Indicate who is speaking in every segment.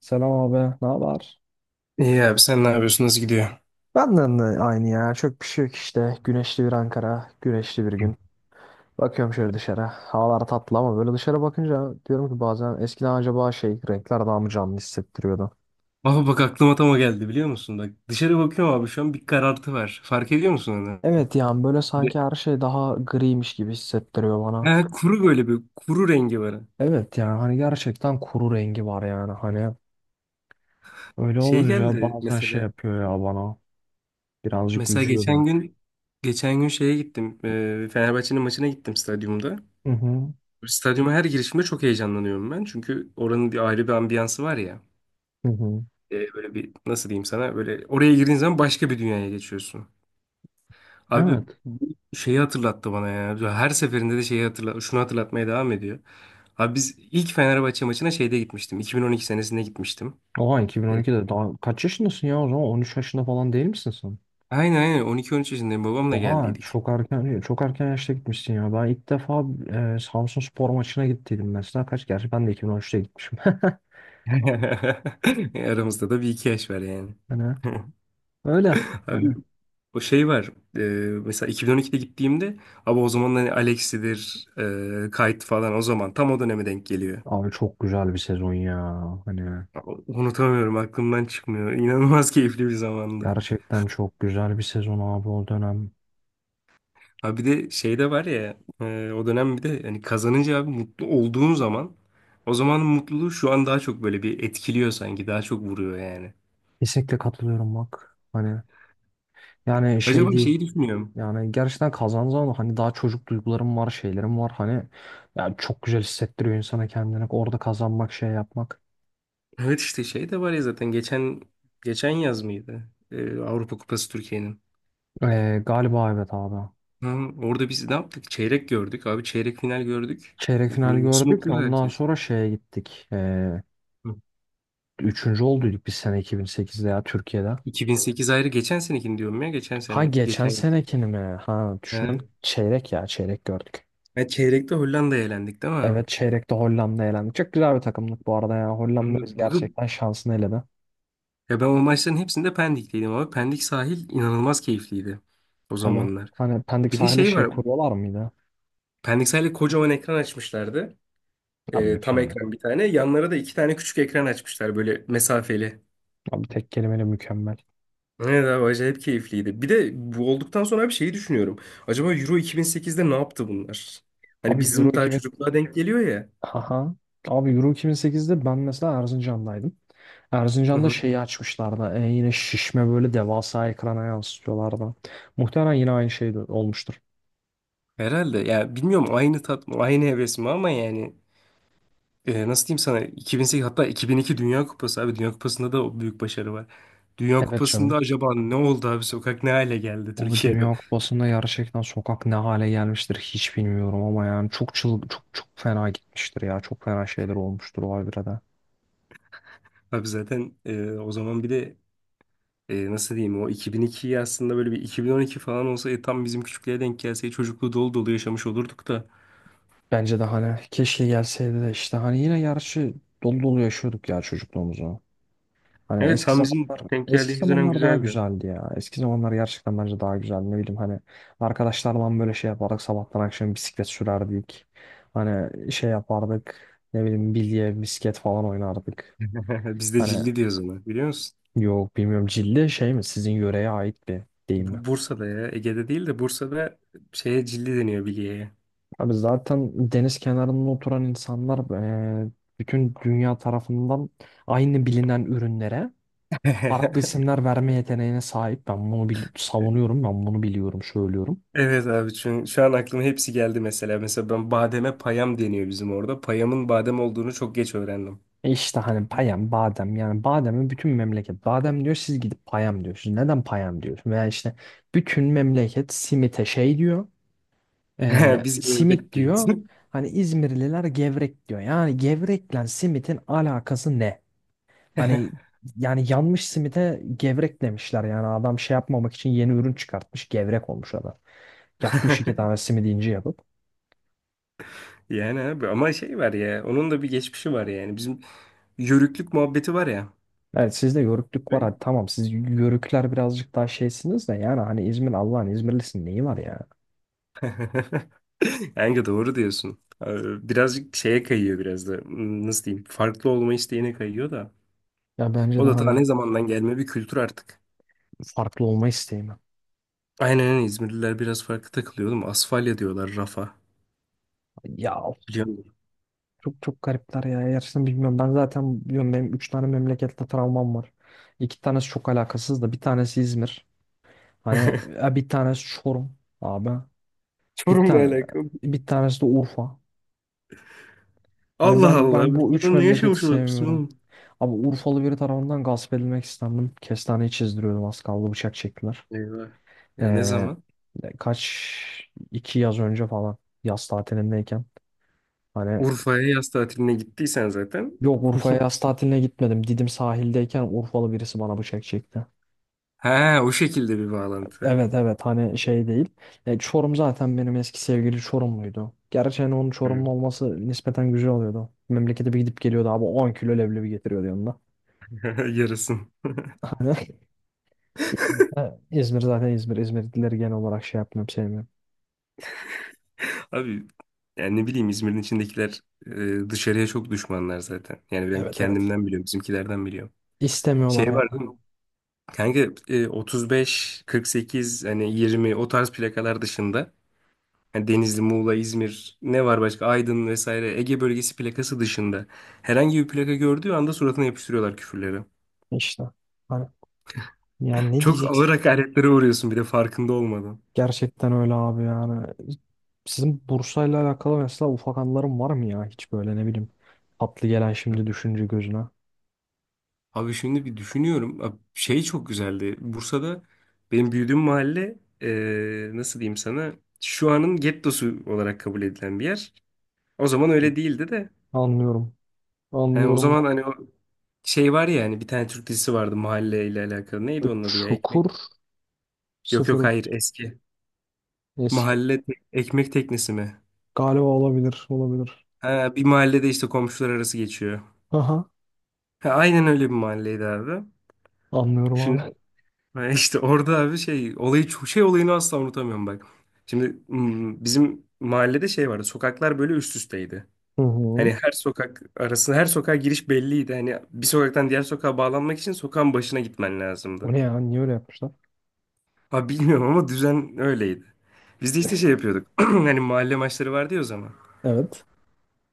Speaker 1: Selam abi, ne haber?
Speaker 2: İyi abi sen ne yapıyorsun? Nasıl gidiyor?
Speaker 1: Benden de aynı ya. Çok bir şey yok işte. Güneşli bir Ankara, güneşli bir gün. Bakıyorum şöyle dışarı. Havalar tatlı ama böyle dışarı bakınca diyorum ki bazen eskiden acaba şey renkler daha mı canlı hissettiriyordu?
Speaker 2: Baba bak aklıma tam o geldi biliyor musun? Bak dışarı bakıyorum abi şu an bir karartı var. Fark ediyor musun onu?
Speaker 1: Evet, yani böyle
Speaker 2: Bir-
Speaker 1: sanki her şey daha griymiş gibi hissettiriyor bana.
Speaker 2: Ha, kuru böyle bir kuru rengi var.
Speaker 1: Evet, yani hani gerçekten kuru rengi var, yani hani öyle
Speaker 2: Şey
Speaker 1: olunca
Speaker 2: geldi
Speaker 1: bazen şey
Speaker 2: mesela.
Speaker 1: yapıyor ya bana, birazcık
Speaker 2: Mesela
Speaker 1: üzüyor beni.
Speaker 2: geçen gün şeye gittim. Fenerbahçe'nin maçına gittim stadyumda.
Speaker 1: Hı hı.
Speaker 2: Stadyuma her girişimde çok heyecanlanıyorum ben. Çünkü oranın bir ayrı bir ambiyansı var ya.
Speaker 1: Hı hı.
Speaker 2: Böyle bir nasıl diyeyim sana böyle oraya girdiğin zaman başka bir dünyaya geçiyorsun. Abi
Speaker 1: Evet.
Speaker 2: bu şeyi hatırlattı bana ya. Her seferinde de şunu hatırlatmaya devam ediyor. Abi biz ilk Fenerbahçe maçına şeyde gitmiştim. 2012 senesinde gitmiştim.
Speaker 1: Oha,
Speaker 2: E,
Speaker 1: 2012'de daha kaç yaşındasın ya, o zaman 13 yaşında falan değil misin sen?
Speaker 2: aynen 12-13 yaşındayım babamla
Speaker 1: Oha,
Speaker 2: geldiydik.
Speaker 1: çok erken çok erken yaşta gitmişsin ya. Ben ilk defa Samsun Spor maçına gittiydim mesela. Gerçi ben de 2013'te gitmişim.
Speaker 2: Aramızda da bir iki yaş var yani.
Speaker 1: Hani öyle, hani
Speaker 2: Abi o şey var. E, Mesela 2012'de gittiğimde abi o zaman hani Alex'idir, Kite falan o zaman tam o döneme denk geliyor.
Speaker 1: abi, çok güzel bir sezon ya. Hani
Speaker 2: Unutamıyorum aklımdan çıkmıyor. İnanılmaz keyifli bir zamandı.
Speaker 1: gerçekten çok güzel bir sezon abi, o dönem.
Speaker 2: Ha bir de şey de var ya o dönem bir de hani kazanınca abi mutlu olduğun zaman o zamanın mutluluğu şu an daha çok böyle bir etkiliyor sanki daha çok vuruyor yani.
Speaker 1: Kesinlikle katılıyorum, bak. Hani yani şey
Speaker 2: Acaba
Speaker 1: değil.
Speaker 2: şeyi düşünüyorum.
Speaker 1: Yani gerçekten kazandığın zaman hani, daha çocuk duygularım var, şeylerim var. Hani yani çok güzel hissettiriyor insana kendini. Orada kazanmak, şey yapmak.
Speaker 2: Evet işte şey de var ya zaten geçen yaz mıydı? Avrupa Kupası Türkiye'nin.
Speaker 1: Galiba evet abi.
Speaker 2: Ha, orada biz ne yaptık? Çeyrek gördük abi çeyrek final gördük.
Speaker 1: Çeyrek final
Speaker 2: Nasıl
Speaker 1: gördük.
Speaker 2: mutlu
Speaker 1: Ondan
Speaker 2: herkes?
Speaker 1: sonra şeye gittik. Ee,
Speaker 2: Hı.
Speaker 1: üçüncü olduyduk biz sene 2008'de ya, Türkiye'de.
Speaker 2: 2008 ayrı, geçen senekini diyorum ya, geçen
Speaker 1: Ha,
Speaker 2: sene,
Speaker 1: geçen
Speaker 2: geçen yıl.
Speaker 1: senekini mi? Ha, düşünüyorum.
Speaker 2: Ha.
Speaker 1: Çeyrek ya çeyrek gördük.
Speaker 2: Ha, çeyrekte Hollanda'ya elendik değil mi?
Speaker 1: Evet, çeyrekte Hollanda'ya elendik. Çok güzel bir takımlık bu arada ya. Hollanda
Speaker 2: Hı.
Speaker 1: biz
Speaker 2: Abi
Speaker 1: gerçekten şansını eledi.
Speaker 2: ya ben o maçların hepsinde Pendik'teydim abi. Pendik sahil inanılmaz keyifliydi o
Speaker 1: Tabii.
Speaker 2: zamanlar.
Speaker 1: Hani Pendik
Speaker 2: Bir de
Speaker 1: sahile
Speaker 2: şey
Speaker 1: şey
Speaker 2: var.
Speaker 1: kuruyorlar mıydı?
Speaker 2: Pendik sahilde kocaman ekran açmışlardı.
Speaker 1: Abi,
Speaker 2: Tam
Speaker 1: mükemmel.
Speaker 2: ekran bir tane. Yanlara da iki tane küçük ekran açmışlar böyle mesafeli.
Speaker 1: Abi, tek kelimeyle mükemmel.
Speaker 2: Evet abi acayip keyifliydi. Bir de bu olduktan sonra bir şeyi düşünüyorum. Acaba Euro 2008'de ne yaptı bunlar? Hani
Speaker 1: Abi Euro
Speaker 2: bizim daha
Speaker 1: 2000.
Speaker 2: çocukluğa denk geliyor ya.
Speaker 1: Aha. Abi Euro 2008'de ben mesela Erzincan'daydım.
Speaker 2: Hı
Speaker 1: Erzincan'da
Speaker 2: hı.
Speaker 1: şeyi açmışlardı. Yine şişme böyle devasa ekrana yansıtıyorlardı. Muhtemelen yine aynı şey de olmuştur.
Speaker 2: Herhalde ya bilmiyorum, aynı tat mı aynı heves mi, ama yani nasıl diyeyim sana 2008, hatta 2002 Dünya Kupası, abi Dünya Kupası'nda da o büyük başarı var. Dünya
Speaker 1: Evet canım.
Speaker 2: Kupası'nda acaba ne oldu abi, sokak ne hale geldi
Speaker 1: Abi
Speaker 2: Türkiye'de?
Speaker 1: Dünya Kupası'nda gerçekten sokak ne hale gelmiştir hiç bilmiyorum ama yani çok çok fena gitmiştir ya. Çok fena şeyler olmuştur o Alvire'de.
Speaker 2: Abi zaten o zaman bir de nasıl diyeyim, o 2002'yi aslında böyle bir 2012 falan olsa, tam bizim küçüklüğe denk gelse çocukluğu dolu dolu yaşamış olurduk da.
Speaker 1: Bence de hani keşke gelseydi de işte hani yine gerçi dolu dolu yaşıyorduk ya çocukluğumuzu. Hani
Speaker 2: Evet tam bizim denk
Speaker 1: eski
Speaker 2: geldiğimiz dönem
Speaker 1: zamanlar daha
Speaker 2: güzeldi.
Speaker 1: güzeldi ya. Eski zamanlar gerçekten bence daha güzeldi. Ne bileyim hani arkadaşlarla böyle şey yapardık. Sabahtan akşam bisiklet sürerdik. Hani şey yapardık. Ne bileyim, bilye, misket falan oynardık.
Speaker 2: Biz de
Speaker 1: Hani
Speaker 2: cilli diyoruz ona biliyor musun?
Speaker 1: yok, bilmiyorum, cilde şey mi, sizin yöreye ait bir deyim mi?
Speaker 2: Bursa'da, ya Ege'de değil de Bursa'da şeye cilli deniyor, bilye'ye.
Speaker 1: Abi zaten deniz kenarında oturan insanlar, eee, bütün dünya tarafından aynı bilinen ürünlere farklı isimler verme yeteneğine sahip. Ben bunu savunuyorum, ben bunu biliyorum, söylüyorum.
Speaker 2: Evet abi çünkü şu an aklıma hepsi geldi mesela. Mesela ben, bademe payam deniyor bizim orada. Payamın badem olduğunu çok geç öğrendim.
Speaker 1: İşte hani payam, badem, yani bademi bütün memleket badem diyor, siz gidip payam diyorsunuz. Neden payam diyorsun? Veya işte bütün memleket simite şey diyor. e,
Speaker 2: Biz
Speaker 1: simit
Speaker 2: gevrek diyeyiz.
Speaker 1: diyor. Hani İzmirliler gevrek diyor. Yani gevrekle simitin alakası ne? Hani yani yanmış simite gevrek demişler. Yani adam şey yapmamak için yeni ürün çıkartmış. Gevrek olmuş adam. Yakmış iki tane simidi ince yapıp.
Speaker 2: Yani abi ama şey var ya, onun da bir geçmişi var yani. Bizim yörüklük muhabbeti var ya.
Speaker 1: Evet, sizde yörüklük var.
Speaker 2: Evet.
Speaker 1: Hadi tamam, siz yörükler birazcık daha şeysiniz de yani hani İzmir, Allah'ın İzmirlisin, neyi var ya?
Speaker 2: Kanka doğru diyorsun. Birazcık şeye kayıyor biraz da. Nasıl diyeyim? Farklı olma isteğine kayıyor da.
Speaker 1: Ya bence
Speaker 2: O
Speaker 1: de
Speaker 2: da ta
Speaker 1: hani
Speaker 2: ne zamandan gelme bir kültür artık.
Speaker 1: farklı olma isteği.
Speaker 2: Aynen öyle, İzmirliler biraz farklı takılıyor oğlum. Asfalya diyorlar rafa.
Speaker 1: Ya of,
Speaker 2: Biliyor musun?
Speaker 1: çok çok garipler ya. Gerçekten bilmiyorum. Ben zaten biliyorum, benim 3 tane memlekette travmam var. 2 tanesi çok alakasız da, bir tanesi İzmir. Hani bir tanesi Çorum abi. Bir
Speaker 2: Çorum'la
Speaker 1: tane
Speaker 2: alakalı.
Speaker 1: Bir tanesi de Urfa. Hani
Speaker 2: Allah
Speaker 1: ben
Speaker 2: Allah.
Speaker 1: ben bu
Speaker 2: Urfa'da
Speaker 1: üç
Speaker 2: ne
Speaker 1: memleketi
Speaker 2: yaşamış olabilirsin
Speaker 1: sevmiyorum.
Speaker 2: oğlum?
Speaker 1: Abi Urfalı biri tarafından gasp edilmek istendim. Kestaneyi çizdiriyordum, az kaldı bıçak çektiler,
Speaker 2: Eyvah. Ya ne
Speaker 1: Ee,
Speaker 2: zaman?
Speaker 1: kaç iki yaz önce falan, yaz tatilindeyken, hani,
Speaker 2: Urfa'ya yaz tatiline gittiysen zaten.
Speaker 1: yok, Urfa'ya yaz tatiline gitmedim. Didim sahildeyken Urfalı birisi bana bıçak çekti.
Speaker 2: Ha, o şekilde bir bağlantı.
Speaker 1: Evet evet, hani şey değil. Çorum zaten benim eski sevgili Çorumluydu. Gerçi hani onun
Speaker 2: Hı.
Speaker 1: Çorumlu olması nispeten güzel oluyordu. Memlekete bir gidip geliyordu abi, 10 kilo leblebi getiriyordu yanında.
Speaker 2: Yarasın.
Speaker 1: Hani İzmir zaten İzmir. İzmirlileri genel olarak şey yapmıyorum, sevmiyorum.
Speaker 2: Abi yani ne bileyim, İzmir'in içindekiler dışarıya çok düşmanlar zaten. Yani ben
Speaker 1: Evet evet.
Speaker 2: kendimden biliyorum, bizimkilerden biliyorum.
Speaker 1: İstemiyorlar
Speaker 2: Şey
Speaker 1: ya
Speaker 2: var değil mi? Kanka 35, 48, hani 20, o tarz plakalar dışında, yani Denizli, Muğla, İzmir ne var başka? Aydın vesaire, Ege bölgesi plakası dışında herhangi bir plaka gördüğü anda suratına yapıştırıyorlar küfürleri.
Speaker 1: işte. Hani yani ne
Speaker 2: Çok ağır
Speaker 1: diyeceksin?
Speaker 2: hakaretlere uğruyorsun bir de farkında olmadan.
Speaker 1: Gerçekten öyle abi, yani. Sizin Bursa'yla alakalı mesela ufak anılarım var mı ya? Hiç böyle ne bileyim, tatlı gelen şimdi düşünce gözüne.
Speaker 2: Abi şimdi bir düşünüyorum. Abi şey çok güzeldi. Bursa'da benim büyüdüğüm mahalle, nasıl diyeyim sana, şu anın gettosu olarak kabul edilen bir yer. O zaman öyle değildi de.
Speaker 1: Anlıyorum.
Speaker 2: Yani o
Speaker 1: Anlıyorum.
Speaker 2: zaman hani o şey var ya, hani bir tane Türk dizisi vardı mahalle ile alakalı. Neydi onun adı ya? Ekmek.
Speaker 1: Çukur,
Speaker 2: Yok yok
Speaker 1: sıfır,
Speaker 2: hayır, eski.
Speaker 1: eski.
Speaker 2: Ekmek teknesi mi?
Speaker 1: Galiba olabilir. Olabilir.
Speaker 2: Ha, bir mahallede işte komşular arası geçiyor.
Speaker 1: Aha.
Speaker 2: Ha, aynen öyle bir mahalleydi abi.
Speaker 1: Anlıyorum
Speaker 2: Şimdi
Speaker 1: abi.
Speaker 2: ha, işte orada abi şey olayı çok şey olayını asla unutamıyorum bak. Şimdi bizim mahallede şey vardı. Sokaklar böyle üst üsteydi.
Speaker 1: Hı hı.
Speaker 2: Hani her sokak arası, her sokağa giriş belliydi. Hani bir sokaktan diğer sokağa bağlanmak için sokağın başına gitmen
Speaker 1: O
Speaker 2: lazımdı.
Speaker 1: ne ya? Niye öyle yapmışlar?
Speaker 2: Ha bilmiyorum ama düzen öyleydi. Biz de işte şey yapıyorduk. Hani mahalle maçları vardı ya o zaman.
Speaker 1: Evet.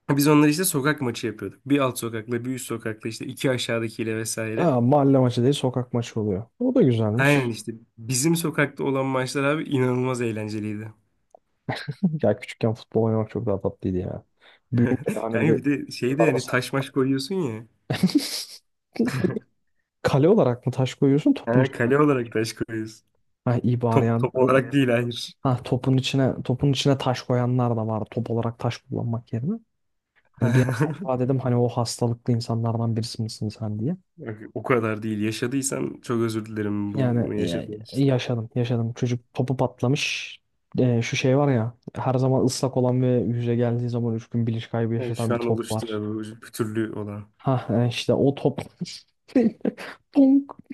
Speaker 2: Biz onları işte sokak maçı yapıyorduk. Bir alt sokakla, bir üst sokakla, işte iki aşağıdakiyle vesaire.
Speaker 1: Ha, mahalle maçı değil, sokak maçı oluyor. O da
Speaker 2: Aynen
Speaker 1: güzelmiş.
Speaker 2: işte bizim sokakta olan maçlar abi inanılmaz eğlenceliydi.
Speaker 1: Ya küçükken futbol oynamak çok daha tatlıydı ya. Büyünce hani bir de
Speaker 2: Yani bir de şeyde,
Speaker 1: arada
Speaker 2: yani
Speaker 1: sen...
Speaker 2: taş maç koyuyorsun ya.
Speaker 1: Kale olarak mı taş koyuyorsun topun
Speaker 2: Ha,
Speaker 1: içine?
Speaker 2: kale olarak taş koyuyorsun.
Speaker 1: Ha, iyi bari
Speaker 2: Top,
Speaker 1: yani.
Speaker 2: top olarak değil hayır.
Speaker 1: Ha, topun içine topun içine taş koyanlar da var, top olarak taş kullanmak yerine. Hani bir an acaba dedim hani o hastalıklı insanlardan birisi misin sen diye.
Speaker 2: Yok, o kadar değil. Yaşadıysan çok özür dilerim
Speaker 1: Yani
Speaker 2: bunu yaşadığın için.
Speaker 1: yaşadım, yaşadım. Çocuk topu patlamış. Şu şey var ya, her zaman ıslak olan ve yüze geldiği zaman 3 gün bilinç kaybı
Speaker 2: Evet, şu
Speaker 1: yaşatan bir
Speaker 2: an
Speaker 1: top
Speaker 2: oluştu
Speaker 1: var.
Speaker 2: ya bu bir türlü olan.
Speaker 1: Ha, işte o top. Tonk.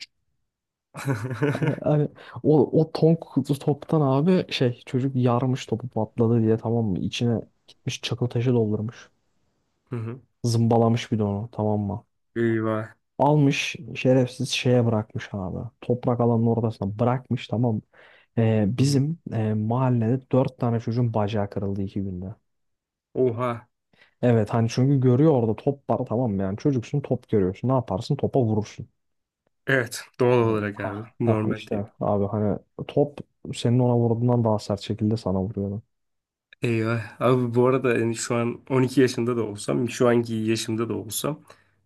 Speaker 1: Abi, hani o tonk toptan abi şey çocuk yarmış topu patladı diye, tamam mı? İçine gitmiş çakıl taşı doldurmuş.
Speaker 2: Hı hı.
Speaker 1: Zımbalamış bir de onu, tamam mı?
Speaker 2: Eyvah.
Speaker 1: Almış şerefsiz şeye bırakmış abi. Toprak alanın ortasına bırakmış, tamam mı? Ee,
Speaker 2: Hı hı.
Speaker 1: bizim mahallede dört tane çocuğun bacağı kırıldı 2 günde.
Speaker 2: Oha.
Speaker 1: Evet, hani çünkü görüyor orada top var, tamam mı, yani çocuksun, top görüyorsun, ne yaparsın, topa vurursun.
Speaker 2: Evet doğal
Speaker 1: Abi,
Speaker 2: olarak abi.
Speaker 1: ha, ha,
Speaker 2: Normal
Speaker 1: işte
Speaker 2: tepki.
Speaker 1: abi hani top senin ona vurduğundan daha sert şekilde sana vuruyordu.
Speaker 2: Eyvah. Abi bu arada yani şu an 12 yaşında da olsam, şu anki yaşımda da olsam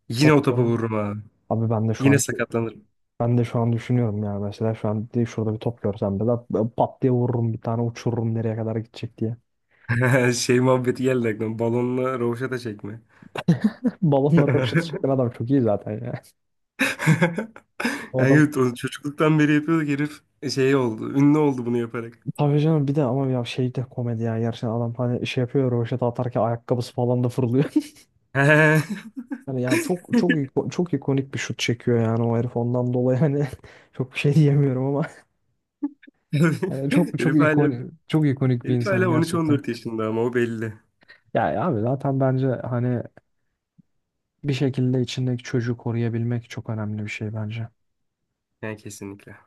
Speaker 2: yine
Speaker 1: Top
Speaker 2: o topa
Speaker 1: gör-
Speaker 2: vururum abi.
Speaker 1: Abi
Speaker 2: Yine sakatlanırım.
Speaker 1: ben de şu an düşünüyorum ya, mesela, şurada bir top görsem de ben pat diye vururum, bir tane uçururum nereye kadar gidecek diye.
Speaker 2: Şey muhabbeti geldi aklıma. Balonla rovaşata çekme.
Speaker 1: Balonları boşaltı çeken adam çok iyi zaten ya. O
Speaker 2: Yani
Speaker 1: adam,
Speaker 2: evet, onu çocukluktan beri yapıyorduk, herif şey oldu. Ünlü oldu bunu yaparak.
Speaker 1: tabii canım, bir de ama ya şey de komedi ya, gerçekten adam hani şey yapıyor, rövaşata atarken ayakkabısı falan da fırlıyor.
Speaker 2: Herif
Speaker 1: Yani ya çok çok çok ikonik bir şut çekiyor yani, o herif ondan dolayı hani çok bir şey diyemiyorum ama hani çok çok
Speaker 2: hala,
Speaker 1: ikonik çok ikonik bir
Speaker 2: Herif
Speaker 1: insan
Speaker 2: hala
Speaker 1: gerçekten.
Speaker 2: 13-14 yaşında ama o belli.
Speaker 1: Ya abi zaten bence hani bir şekilde içindeki çocuğu koruyabilmek çok önemli bir şey bence.
Speaker 2: Yani kesinlikle.